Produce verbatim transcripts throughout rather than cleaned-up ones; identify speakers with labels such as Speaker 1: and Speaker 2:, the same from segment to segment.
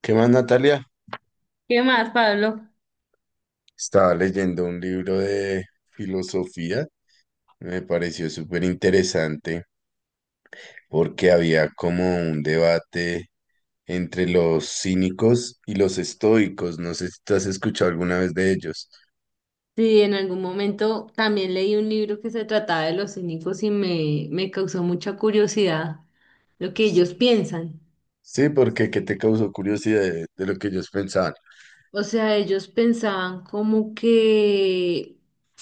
Speaker 1: ¿Qué más, Natalia?
Speaker 2: ¿Qué más, Pablo?
Speaker 1: Estaba leyendo un libro de filosofía, me pareció súper interesante porque había como un debate entre los cínicos y los estoicos. No sé si tú has escuchado alguna vez de ellos.
Speaker 2: Sí, en algún momento también leí un libro que se trataba de los cínicos y me, me causó mucha curiosidad lo que ellos piensan.
Speaker 1: Sí, porque ¿qué te causó curiosidad de, de lo que ellos pensaban?
Speaker 2: O sea, ellos pensaban como que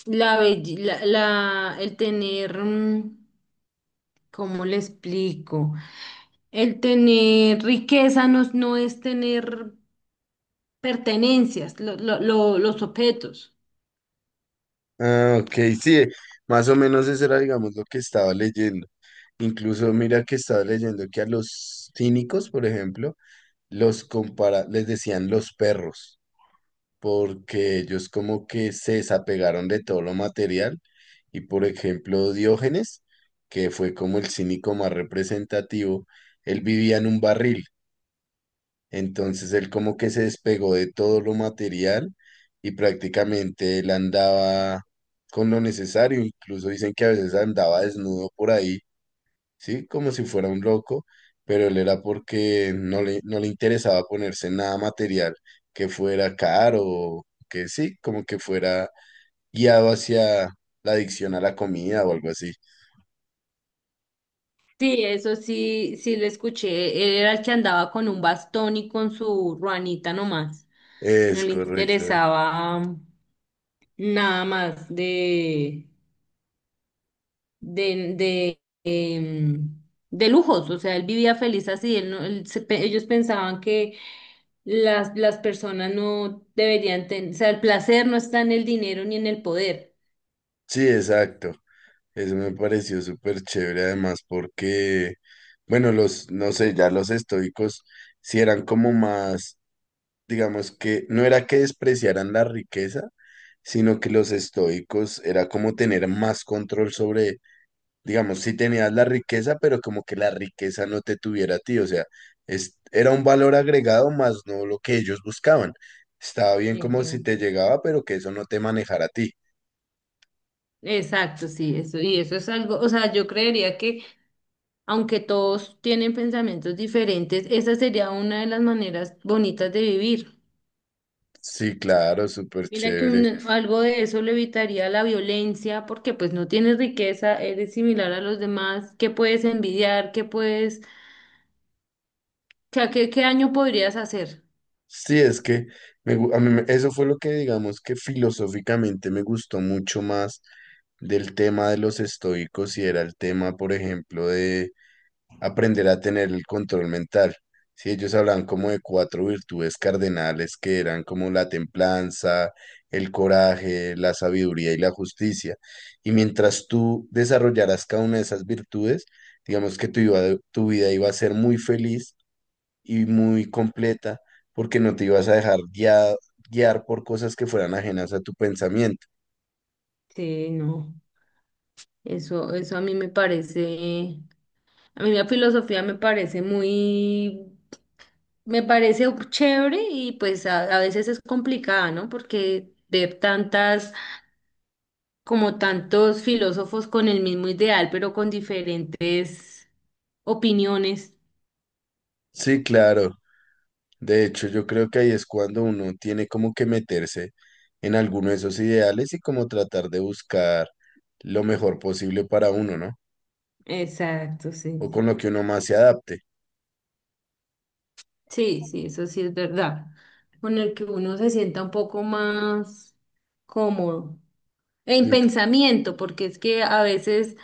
Speaker 2: la, belle- la, la- el tener, mm, ¿cómo le explico? El tener riqueza no, no es tener pertenencias, lo- lo- lo- los objetos.
Speaker 1: Ah, ok, sí, más o menos eso era, digamos, lo que estaba leyendo. Incluso mira que estaba leyendo que a los cínicos, por ejemplo, los compara, les decían los perros, porque ellos como que se desapegaron de todo lo material y por ejemplo Diógenes, que fue como el cínico más representativo, él vivía en un barril, entonces él como que se despegó de todo lo material y prácticamente él andaba con lo necesario. Incluso dicen que a veces andaba desnudo por ahí, ¿sí? Como si fuera un loco, pero él era porque no le, no le interesaba ponerse nada material que fuera caro, o que sí, como que fuera guiado hacia la adicción a la comida o algo así.
Speaker 2: Sí, eso sí, sí lo escuché. Era el que andaba con un bastón y con su ruanita nomás. No
Speaker 1: Es
Speaker 2: le
Speaker 1: correcto.
Speaker 2: interesaba nada más de, de, de, em, de lujos. O sea, él vivía feliz así. Él no- él se pe- Ellos pensaban que las, las personas no deberían tener, o sea, el placer no está en el dinero ni en el poder.
Speaker 1: Sí, exacto. Eso me pareció súper chévere además porque, bueno, los, no sé, ya los estoicos sí eran como más, digamos que no era que despreciaran la riqueza, sino que los estoicos era como tener más control sobre, digamos, si tenías la riqueza, pero como que la riqueza no te tuviera a ti, o sea, es, era un valor agregado más no lo que ellos buscaban. Estaba bien como si te
Speaker 2: Exacto.
Speaker 1: llegaba, pero que eso no te manejara a ti.
Speaker 2: Exacto, sí, eso, y eso es algo, o sea, yo creería que aunque todos tienen pensamientos diferentes, esa sería una de las maneras bonitas de vivir.
Speaker 1: Sí, claro, súper
Speaker 2: Mira que
Speaker 1: chévere.
Speaker 2: un- algo de eso le evitaría la violencia, porque pues no tienes riqueza, eres similar a los demás, ¿qué puedes envidiar? ¿Qué puedes, qué, qué, qué daño podrías hacer?
Speaker 1: Sí, es que me gu- a mí me- eso fue lo que, digamos, que filosóficamente me gustó mucho más del tema de los estoicos, y era el tema, por ejemplo, de aprender a tener el control mental. Sí, ellos hablan como de cuatro virtudes cardenales que eran como la templanza, el coraje, la sabiduría y la justicia. Y mientras tú desarrollaras cada una de esas virtudes, digamos que tu, iba- tu vida iba a ser muy feliz y muy completa, porque no te ibas a dejar guiar, guiar por cosas que fueran ajenas a tu pensamiento.
Speaker 2: Sí, no, eso, eso a mí me parece, a mí la filosofía me parece muy. Me parece chévere y pues a, a veces es complicada, ¿no? Porque ver tantas, como tantos filósofos con el mismo ideal, pero con diferentes opiniones.
Speaker 1: Sí, claro. De hecho, yo creo que ahí es cuando uno tiene como que meterse en alguno de esos ideales y como tratar de buscar lo mejor posible para uno, ¿no?
Speaker 2: Exacto, sí.
Speaker 1: O con lo que uno más se adapte.
Speaker 2: Sí, sí, eso sí es verdad. Con el que uno se sienta un poco más cómodo. En
Speaker 1: Sí,
Speaker 2: pensamiento, porque es que a veces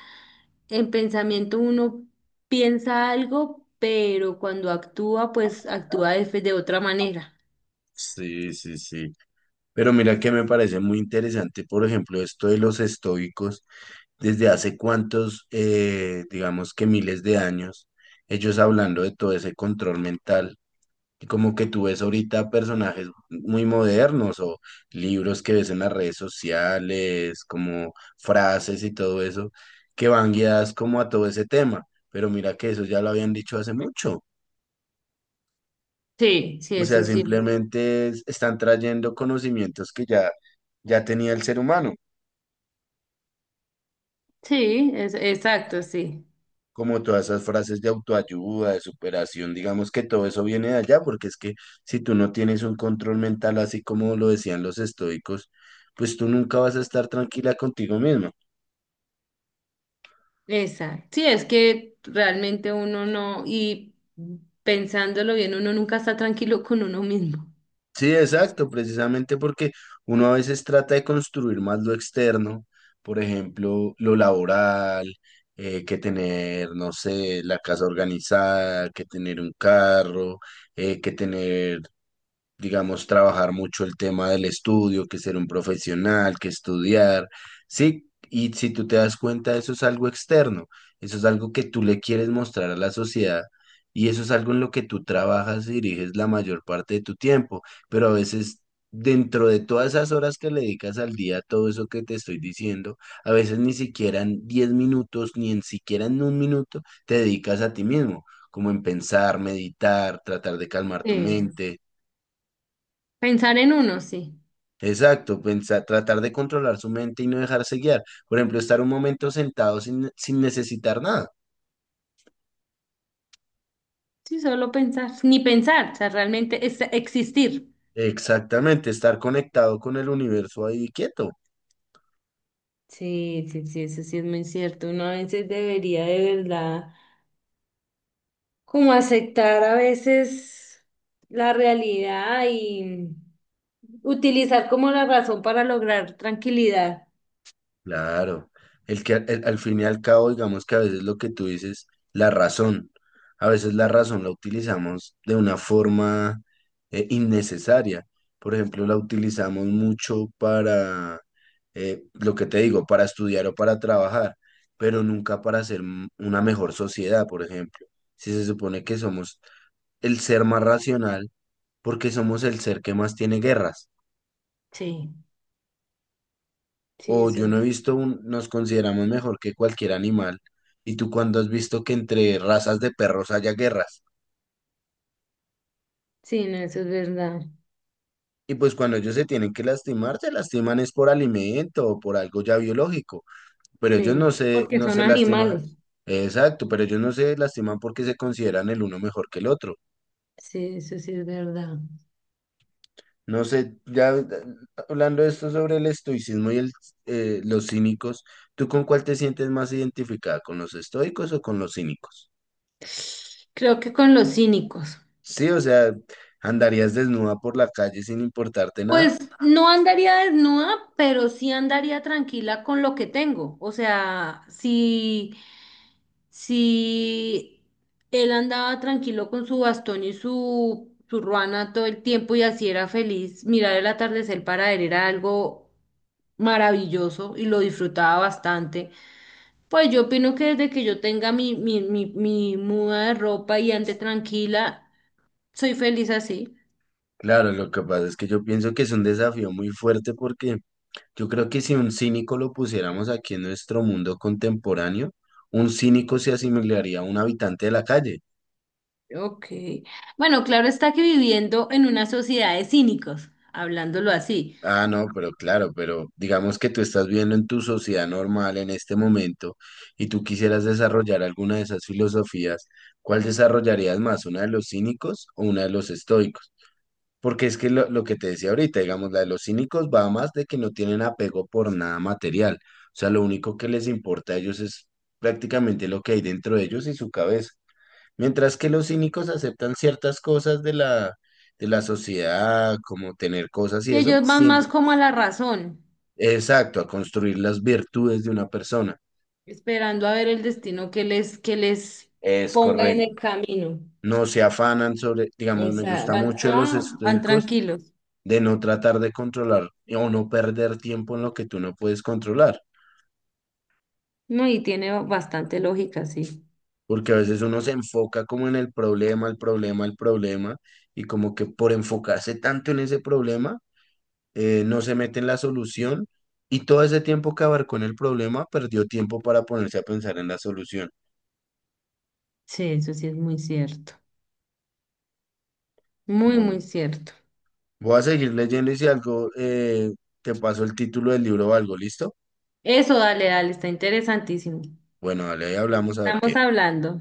Speaker 2: en pensamiento uno piensa algo, pero cuando actúa, pues actúa de de otra manera.
Speaker 1: sí, sí. Sí. Pero mira que me parece muy interesante, por ejemplo, esto de los estoicos desde hace cuántos, eh, digamos que miles de años, ellos hablando de todo ese control mental. Y como que tú ves ahorita personajes muy modernos o libros que ves en las redes sociales, como frases y todo eso, que van guiadas como a todo ese tema. Pero mira que eso ya lo habían dicho hace mucho.
Speaker 2: Sí, sí,
Speaker 1: O sea,
Speaker 2: eso sí.
Speaker 1: simplemente es- están trayendo conocimientos que ya, ya tenía el ser humano,
Speaker 2: Sí, es, exacto, sí.
Speaker 1: como todas esas frases de autoayuda, de superación. Digamos que todo eso viene de allá, porque es que si tú no tienes un control mental, así como lo decían los estoicos, pues tú nunca vas a estar tranquila contigo misma.
Speaker 2: Exacto. Sí, es que realmente uno no, y pensándolo bien, uno nunca está tranquilo con uno mismo.
Speaker 1: Sí, exacto, precisamente porque uno a veces trata de construir más lo externo, por ejemplo, lo laboral, eh, que tener, no sé, la casa organizada, que tener un carro, eh, que tener, digamos, trabajar mucho el tema del estudio, que ser un profesional, que estudiar. Sí, y si tú te das cuenta, eso es algo externo, eso es algo que tú le quieres mostrar a la sociedad. Y eso es algo en lo que tú trabajas y diriges la mayor parte de tu tiempo, pero a veces, dentro de todas esas horas que le dedicas al día, todo eso que te estoy diciendo, a veces ni siquiera en diez minutos, ni en siquiera en un minuto, te dedicas a ti mismo, como en pensar, meditar, tratar de calmar tu
Speaker 2: Sí.
Speaker 1: mente.
Speaker 2: Pensar en uno, sí.
Speaker 1: Exacto, pensar, tratar de controlar su mente y no dejarse guiar. Por ejemplo, estar un momento sentado sin, sin necesitar nada.
Speaker 2: Sí, solo pensar, ni pensar, o sea, realmente es existir.
Speaker 1: Exactamente, estar conectado con el universo ahí quieto.
Speaker 2: Sí, sí, sí, eso sí es muy cierto. Uno a veces debería de verdad como aceptar a veces la realidad y utilizar como la razón para lograr tranquilidad.
Speaker 1: Claro, el que al al fin y al cabo, digamos que a veces lo que tú dices, la razón, a veces la razón la utilizamos de una forma eh, innecesaria. Por ejemplo, la utilizamos mucho para, eh, lo que te digo, para estudiar o para trabajar, pero nunca para hacer m- una mejor sociedad, por ejemplo. Si se supone que somos el ser más racional, porque somos el ser que más tiene guerras.
Speaker 2: Sí,
Speaker 1: O
Speaker 2: sí, eso
Speaker 1: yo
Speaker 2: es,
Speaker 1: no he visto un, nos consideramos mejor que cualquier animal. Y tú cuando has visto que entre razas de perros haya guerras.
Speaker 2: sí, no, eso es verdad.
Speaker 1: Y pues cuando ellos se tienen que lastimar, se lastiman es por alimento o por algo ya biológico. Pero ellos
Speaker 2: Sí,
Speaker 1: no se,
Speaker 2: porque
Speaker 1: no
Speaker 2: son
Speaker 1: se lastiman.
Speaker 2: animales.
Speaker 1: Exacto, pero ellos no se lastiman porque se consideran el uno mejor que el otro.
Speaker 2: Sí, eso sí es verdad.
Speaker 1: No sé, ya eh, hablando de esto sobre el estoicismo y el, eh, los cínicos, ¿tú con cuál te sientes más identificada? ¿Con los estoicos o con los cínicos?
Speaker 2: Creo que con los cínicos.
Speaker 1: Sí, o sea, andarías desnuda por la calle sin importarte nada.
Speaker 2: Pues no andaría desnuda, pero sí andaría tranquila con lo que tengo. O sea, si, si él andaba tranquilo con su bastón y su, su ruana todo el tiempo y así era feliz, mirar el atardecer para él era algo maravilloso y lo disfrutaba bastante. Pues yo opino que desde que yo tenga mi, mi, mi, mi muda de ropa y ande tranquila, soy feliz así.
Speaker 1: Claro, lo que pasa es que yo pienso que es un desafío muy fuerte, porque yo creo que si un cínico lo pusiéramos aquí en nuestro mundo contemporáneo, un cínico se asimilaría a un habitante de la calle.
Speaker 2: Ok. Bueno, claro está que viviendo en una sociedad de cínicos, hablándolo así,
Speaker 1: Ah, no, pero claro, pero digamos que tú estás viendo en tu sociedad normal en este momento y tú quisieras desarrollar alguna de esas filosofías, ¿cuál desarrollarías más, una de los cínicos o una de los estoicos? Porque es que lo, lo que te decía ahorita, digamos, la de los cínicos va más de que no tienen apego por nada material. O sea, lo único que les importa a ellos es prácticamente lo que hay dentro de ellos y su cabeza. Mientras que los cínicos aceptan ciertas cosas de la, de la sociedad, como tener cosas y
Speaker 2: y
Speaker 1: eso,
Speaker 2: ellos van más
Speaker 1: siempre.
Speaker 2: como a la razón,
Speaker 1: Exacto, a construir las virtudes de una persona.
Speaker 2: esperando a ver el destino que les, que les
Speaker 1: Es
Speaker 2: ponga en
Speaker 1: correcto.
Speaker 2: el camino.
Speaker 1: No se afanan sobre, digamos, me
Speaker 2: Esa,
Speaker 1: gusta
Speaker 2: van,
Speaker 1: mucho de los
Speaker 2: ah, van
Speaker 1: estoicos
Speaker 2: tranquilos.
Speaker 1: de no tratar de controlar o no perder tiempo en lo que tú no puedes controlar,
Speaker 2: No, y tiene bastante lógica, sí.
Speaker 1: porque a veces uno se enfoca como en el problema, el problema, el problema, y como que, por enfocarse tanto en ese problema, eh, no se mete en la solución, y todo ese tiempo que abarcó en el problema, perdió tiempo para ponerse a pensar en la solución.
Speaker 2: Sí, eso sí es muy cierto. Muy,
Speaker 1: Bueno,
Speaker 2: muy cierto.
Speaker 1: voy a seguir leyendo y si algo, eh, te paso el título del libro o algo, ¿listo?
Speaker 2: Eso, dale, dale, está interesantísimo.
Speaker 1: Bueno, dale, ahí hablamos a ver qué.
Speaker 2: Estamos hablando.